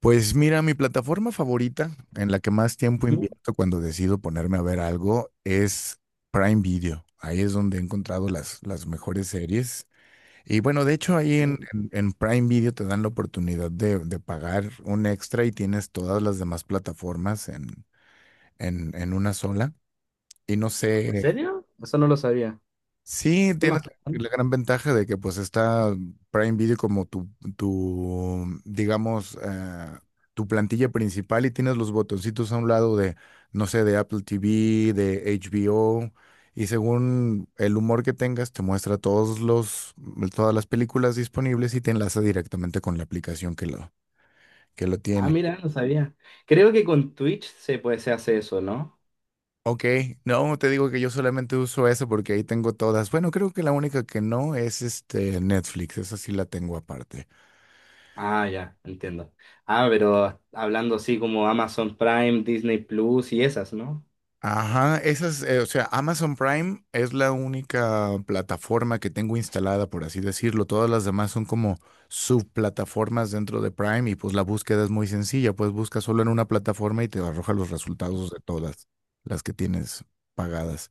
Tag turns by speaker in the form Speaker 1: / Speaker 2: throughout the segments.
Speaker 1: Pues mira, mi plataforma favorita en la que más tiempo
Speaker 2: ¿Sí?
Speaker 1: invierto cuando decido ponerme a ver algo es Prime Video. Ahí es donde he encontrado las mejores series. Y bueno, de hecho ahí en Prime Video te dan la oportunidad de pagar un extra y tienes todas las demás plataformas en una sola. Y no
Speaker 2: ¿En
Speaker 1: sé,
Speaker 2: serio? Eso no lo sabía.
Speaker 1: sí,
Speaker 2: ¿Qué
Speaker 1: tienes
Speaker 2: más
Speaker 1: la
Speaker 2: están?
Speaker 1: gran ventaja de que pues está Prime Video como tu digamos, tu plantilla principal y tienes los botoncitos a un lado de, no sé, de Apple TV, de HBO, y según el humor que tengas, te muestra todas las películas disponibles y te enlaza directamente con la aplicación que lo
Speaker 2: Ah,
Speaker 1: tiene.
Speaker 2: mira, no sabía. Creo que con Twitch se puede, se hace eso, ¿no?
Speaker 1: Ok, no, te digo que yo solamente uso eso porque ahí tengo todas. Bueno, creo que la única que no es este Netflix, esa sí la tengo aparte.
Speaker 2: Ah, ya, entiendo. Ah, pero hablando así como Amazon Prime, Disney Plus y esas, ¿no?
Speaker 1: Ajá, esas, o sea, Amazon Prime es la única plataforma que tengo instalada, por así decirlo. Todas las demás son como subplataformas dentro de Prime y pues la búsqueda es muy sencilla, pues busca solo en una plataforma y te arroja los resultados de todas las que tienes pagadas.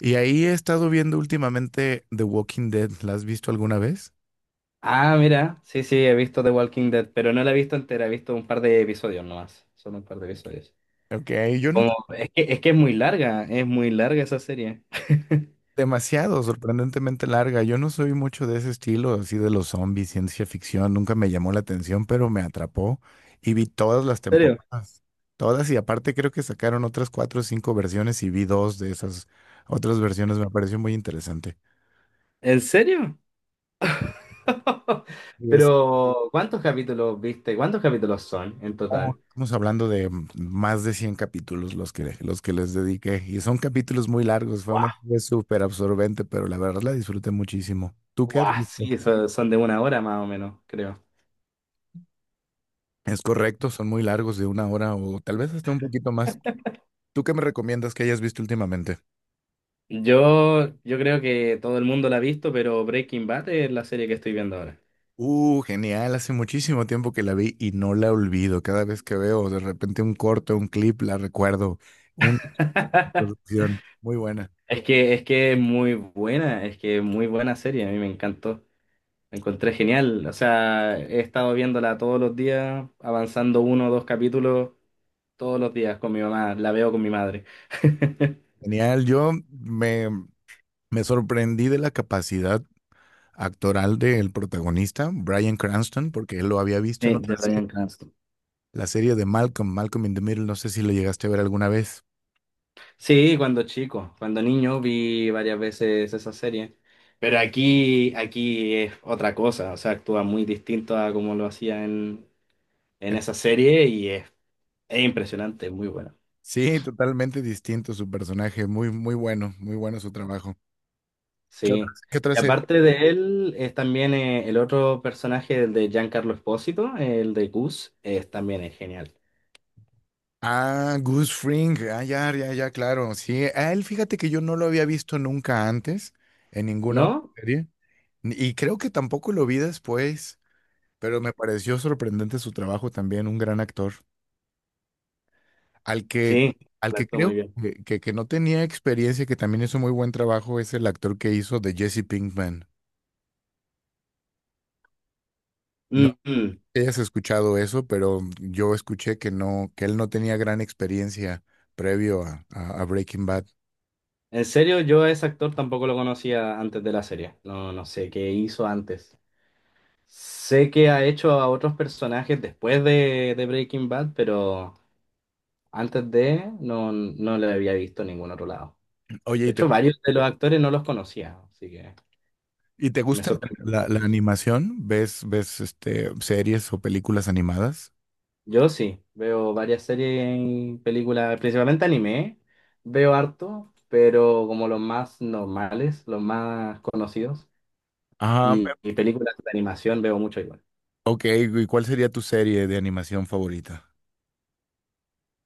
Speaker 1: Y ahí he estado viendo últimamente The Walking Dead. ¿La has visto alguna vez?
Speaker 2: Ah, mira, sí, sí, he visto The Walking Dead, pero no la he visto entera, he visto un par de episodios nomás, solo un par de episodios.
Speaker 1: Ok, yo no.
Speaker 2: Como, es que es muy larga esa serie.
Speaker 1: Demasiado, sorprendentemente larga. Yo no soy mucho de ese estilo, así de los zombies, ciencia ficción, nunca me llamó la atención, pero me atrapó y vi todas
Speaker 2: ¿En
Speaker 1: las
Speaker 2: serio?
Speaker 1: temporadas, todas, y aparte creo que sacaron otras cuatro o cinco versiones y vi dos de esas otras versiones, me pareció muy interesante.
Speaker 2: ¿En serio?
Speaker 1: Y es,
Speaker 2: Pero, ¿cuántos capítulos viste? ¿Cuántos capítulos son en total?
Speaker 1: estamos hablando de más de 100 capítulos los que les dediqué, y son capítulos muy largos, fue una
Speaker 2: Guau,
Speaker 1: serie súper absorbente, pero la verdad la disfruté muchísimo. ¿Tú qué has
Speaker 2: guau,
Speaker 1: visto?
Speaker 2: sí, eso son de una hora más o menos, creo.
Speaker 1: Es correcto, son muy largos, de una hora o tal vez hasta un poquito más. ¿Tú qué me recomiendas que hayas visto últimamente?
Speaker 2: Yo creo que todo el mundo la ha visto, pero Breaking Bad es la serie que estoy viendo ahora.
Speaker 1: Genial, hace muchísimo tiempo que la vi y no la olvido. Cada vez que veo de repente un corto, un clip, la recuerdo. Una producción muy buena.
Speaker 2: Es que es muy buena, es que es muy buena serie, a mí me encantó. La encontré genial, o sea, he estado viéndola todos los días, avanzando uno o dos capítulos todos los días con mi mamá, la veo con mi madre.
Speaker 1: Genial, me sorprendí de la capacidad actoral del protagonista, Bryan Cranston, porque él lo había visto en
Speaker 2: Sí, de
Speaker 1: otra serie,
Speaker 2: Bryan Cranston.
Speaker 1: la serie de Malcolm in the Middle, no sé si lo llegaste a ver alguna vez.
Speaker 2: Sí, cuando chico, cuando niño vi varias veces esa serie, pero aquí es otra cosa, o sea, actúa muy distinto a como lo hacía en esa serie y es impresionante, muy bueno.
Speaker 1: Sí, totalmente distinto su personaje. Muy, muy bueno, muy bueno su trabajo.
Speaker 2: Sí.
Speaker 1: Qué otra
Speaker 2: Y
Speaker 1: serie?
Speaker 2: aparte de él, es también el otro personaje, el de Giancarlo Espósito, el de Gus, es, también es genial,
Speaker 1: Ah, Goose Fring. Ah, ya, ya, ya, claro. Sí, a él fíjate que yo no lo había visto nunca antes en ninguna otra
Speaker 2: ¿no?
Speaker 1: serie. Y creo que tampoco lo vi después, pero me pareció sorprendente su trabajo también, un gran actor. Al que,
Speaker 2: Sí,
Speaker 1: al
Speaker 2: él
Speaker 1: que
Speaker 2: actúa muy
Speaker 1: creo
Speaker 2: bien.
Speaker 1: que no tenía experiencia, que también hizo muy buen trabajo, es el actor que hizo de Jesse Pinkman. No
Speaker 2: Mm, mm.
Speaker 1: hayas escuchado eso, pero yo escuché que no, que él no tenía gran experiencia previo a Breaking Bad.
Speaker 2: En serio, yo a ese actor tampoco lo conocía antes de la serie, no, no sé qué hizo antes. Sé que ha hecho a otros personajes después de Breaking Bad, pero antes de no, no le había visto en ningún otro lado.
Speaker 1: Oye,
Speaker 2: De hecho, varios de los actores no los conocía, así que
Speaker 1: ¿y te
Speaker 2: me
Speaker 1: gusta
Speaker 2: sorprendió.
Speaker 1: la animación? ¿Ves, ves este, series o películas animadas?
Speaker 2: Yo sí, veo varias series y películas, principalmente anime, veo harto, pero como los más normales, los más conocidos,
Speaker 1: Ah,
Speaker 2: y películas de animación veo mucho igual.
Speaker 1: ok. ¿Y cuál sería tu serie de animación favorita?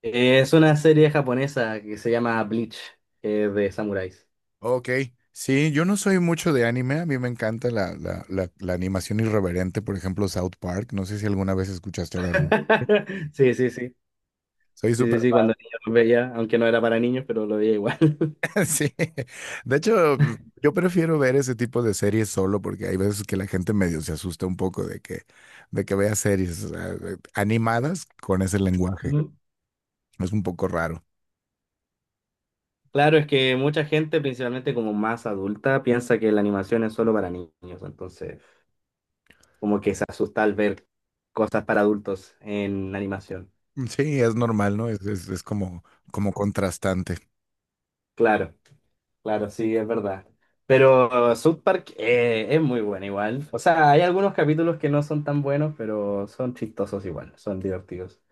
Speaker 2: Es una serie japonesa que se llama Bleach, que es de samuráis.
Speaker 1: Ok, sí, yo no soy mucho de anime, a mí me encanta la animación irreverente, por ejemplo, South Park, no sé si alguna vez escuchaste hablar de...
Speaker 2: Sí, sí, sí.
Speaker 1: Soy
Speaker 2: Sí,
Speaker 1: súper.
Speaker 2: sí, sí, cuando niño lo veía, aunque no era para niños, pero lo veía igual.
Speaker 1: Sí, de hecho, yo prefiero ver ese tipo de series solo porque hay veces que la gente medio se asusta un poco de que vea series, o sea, animadas con ese lenguaje.
Speaker 2: Ujú.
Speaker 1: Es un poco raro.
Speaker 2: Claro, es que mucha gente, principalmente como más adulta, piensa que la animación es solo para niños, entonces como que se asusta al ver cosas para adultos en animación.
Speaker 1: Mm, sí, es normal, ¿no? Es como, como contrastante.
Speaker 2: Claro, claro, sí, es verdad. Pero South Park es muy buena igual. O sea, hay algunos capítulos que no son tan buenos, pero son chistosos igual, son divertidos.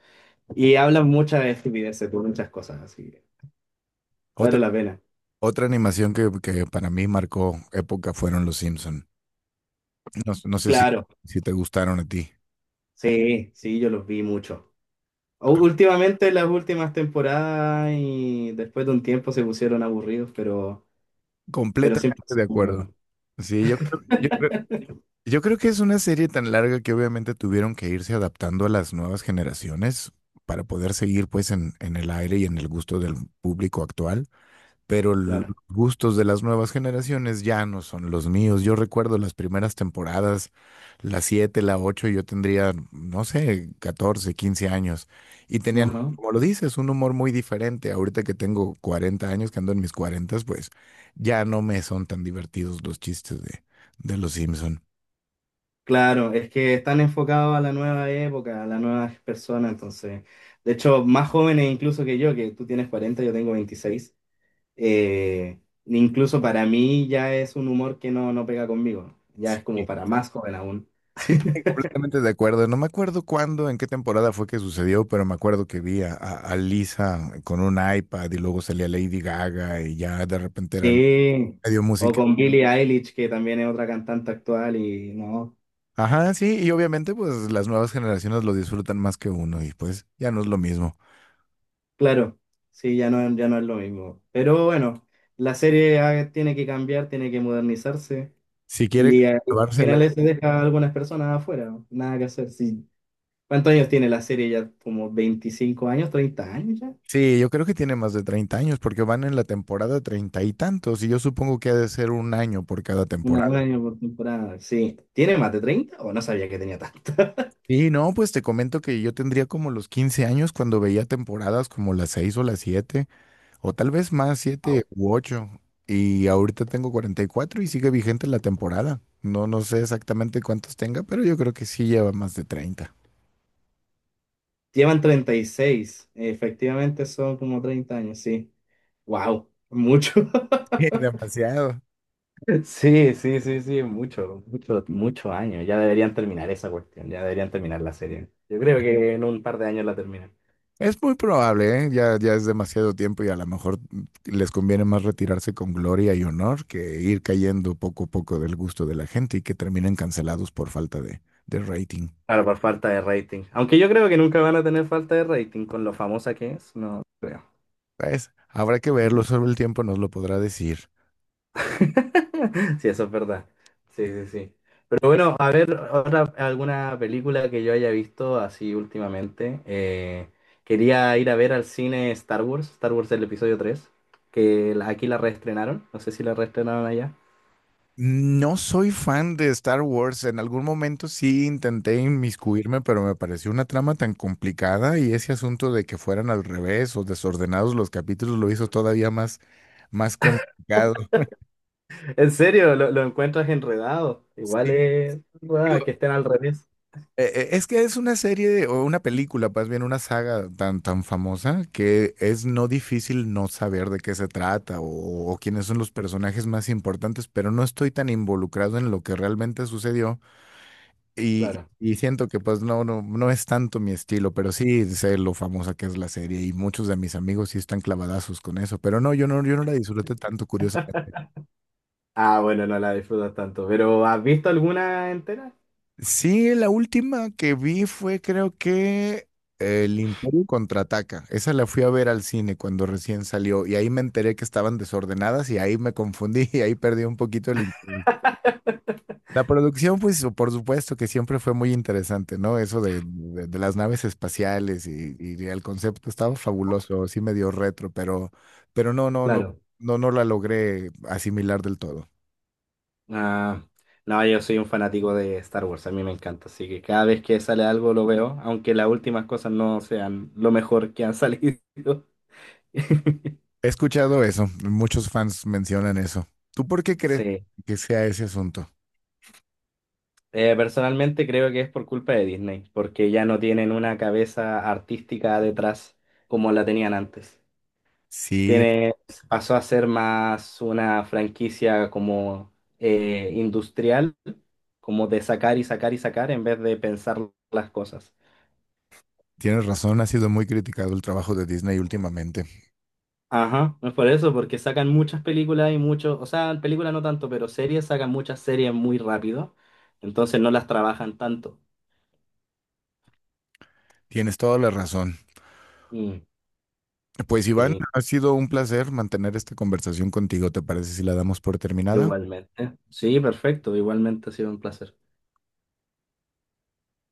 Speaker 2: Y hablan muchas estupideces, por muchas cosas, así que
Speaker 1: Otra,
Speaker 2: vale la pena.
Speaker 1: otra animación que para mí marcó época fueron Los Simpson. No, no sé si,
Speaker 2: Claro.
Speaker 1: si te gustaron a ti.
Speaker 2: Sí, sí, yo los vi mucho. U- Últimamente, las últimas temporadas y después de un tiempo se pusieron aburridos, pero siempre
Speaker 1: Completamente
Speaker 2: son
Speaker 1: de acuerdo.
Speaker 2: buenos,
Speaker 1: Sí, yo creo que es una serie tan larga que obviamente tuvieron que irse adaptando a las nuevas generaciones para poder seguir pues en el aire y en el gusto del público actual, pero los
Speaker 2: claro.
Speaker 1: gustos de las nuevas generaciones ya no son los míos. Yo recuerdo las primeras temporadas, la 7, la 8. Yo tendría, no sé, 14, 15 años, y tenían,
Speaker 2: Ajá.
Speaker 1: como lo dices, un humor muy diferente. Ahorita que tengo 40 años, que ando en mis cuarenta, pues ya no me son tan divertidos los chistes de los Simpson.
Speaker 2: Claro, es que están enfocados a la nueva época, a las nuevas personas, entonces, de hecho, más jóvenes incluso que yo, que tú tienes 40, yo tengo 26, eh, incluso para mí ya es un humor que no, no pega conmigo, ya es como para más joven.
Speaker 1: Sí, sí, completamente de acuerdo. No me acuerdo cuándo, en qué temporada fue que sucedió, pero me acuerdo que vi a Lisa con un iPad y luego salía Lady Gaga y ya de repente era
Speaker 2: Sí,
Speaker 1: medio
Speaker 2: o
Speaker 1: música.
Speaker 2: con Billie Eilish, que también es otra cantante actual y no,
Speaker 1: Ajá, sí, y obviamente pues las nuevas generaciones lo disfrutan más que uno y pues ya no es lo mismo.
Speaker 2: claro, sí, ya no, ya no es lo mismo. Pero bueno, la serie tiene que cambiar, tiene que modernizarse
Speaker 1: Si quiere
Speaker 2: y al
Speaker 1: llevarse a la...
Speaker 2: final se deja a algunas personas afuera, nada que hacer. Sí. ¿Cuántos años tiene la serie ya? ¿Como 25 años, 30 años ya?
Speaker 1: Sí, yo creo que tiene más de 30 años porque van en la temporada treinta y tantos y yo supongo que ha de ser un año por cada
Speaker 2: Una,
Speaker 1: temporada.
Speaker 2: un año por temporada, sí. ¿Tiene más de 30? O no sabía que tenía tanto.
Speaker 1: Y no, pues te comento que yo tendría como los 15 años cuando veía temporadas como las 6 o las 7. O tal vez más, siete
Speaker 2: Wow.
Speaker 1: u ocho. Y ahorita tengo 44 y sigue vigente la temporada. No, no sé exactamente cuántos tenga, pero yo creo que sí lleva más de 30.
Speaker 2: Llevan 36, efectivamente son como 30 años, sí. Wow, mucho.
Speaker 1: Demasiado.
Speaker 2: Sí, sí, sí, sí, mucho, mucho, muchos años. Ya deberían terminar esa cuestión, ya deberían terminar la serie. Yo creo que en un par de años la terminan.
Speaker 1: Es muy probable, ¿eh? Ya, ya es demasiado tiempo, y a lo mejor les conviene más retirarse con gloria y honor que ir cayendo poco a poco del gusto de la gente y que terminen cancelados por falta de rating.
Speaker 2: Claro, por falta de rating. Aunque yo creo que nunca van a tener falta de rating con lo famosa que es, no creo.
Speaker 1: Pues habrá que verlo, solo el tiempo nos lo podrá decir.
Speaker 2: Sí, eso es verdad. Sí, sí, sí. Pero bueno, a ver, otra, alguna película que yo haya visto así últimamente. Quería ir a ver al cine Star Wars, Star Wars el episodio 3, que la- aquí la reestrenaron, no sé si la reestrenaron allá.
Speaker 1: No soy fan de Star Wars. En algún momento sí intenté inmiscuirme, pero me pareció una trama tan complicada y ese asunto de que fueran al revés o desordenados los capítulos lo hizo todavía más, más complicado.
Speaker 2: En serio, lo encuentras enredado. Igual
Speaker 1: Sí,
Speaker 2: es enredada,
Speaker 1: digo,
Speaker 2: que estén al revés.
Speaker 1: es que es una serie o una película, más bien una saga tan, tan famosa que es no difícil no saber de qué se trata o quiénes son los personajes más importantes, pero no estoy tan involucrado en lo que realmente sucedió.
Speaker 2: Claro.
Speaker 1: Y siento que pues no, no es tanto mi estilo, pero sí sé lo famosa que es la serie y muchos de mis amigos sí están clavadazos con eso, pero no, yo no la disfruté tanto, curiosamente.
Speaker 2: Ah, bueno, no la disfrutas tanto. ¿Pero has visto alguna entera?
Speaker 1: Sí, la última que vi fue, creo que El Imperio Contraataca. Esa la fui a ver al cine cuando recién salió y ahí me enteré que estaban desordenadas y ahí me confundí y ahí perdí un poquito el interés. La producción, pues, por supuesto que siempre fue muy interesante, ¿no? Eso de las naves espaciales y el concepto estaba fabuloso, sí medio retro, pero
Speaker 2: Claro.
Speaker 1: no, no la logré asimilar del todo.
Speaker 2: Ah, no, yo soy un fanático de Star Wars, a mí me encanta, así que cada vez que sale algo lo veo, aunque las últimas cosas no sean lo mejor que han salido.
Speaker 1: He escuchado eso, muchos fans mencionan eso. ¿Tú por qué crees
Speaker 2: Sí.
Speaker 1: que sea ese asunto?
Speaker 2: Personalmente creo que es por culpa de Disney, porque ya no tienen una cabeza artística detrás como la tenían antes.
Speaker 1: Sí,
Speaker 2: Tiene, pasó a ser más una franquicia como industrial, como de sacar y sacar y sacar en vez de pensar las cosas.
Speaker 1: tienes razón, ha sido muy criticado el trabajo de Disney últimamente.
Speaker 2: Ajá, es por eso, porque sacan muchas películas y muchos, o sea, películas no tanto, pero series, sacan muchas series muy rápido, entonces no las trabajan tanto.
Speaker 1: Tienes toda la razón.
Speaker 2: Mm,
Speaker 1: Pues Iván,
Speaker 2: sí,
Speaker 1: ha sido un placer mantener esta conversación contigo. ¿Te parece si la damos por terminada?
Speaker 2: igualmente. Sí, perfecto, igualmente ha sido un placer.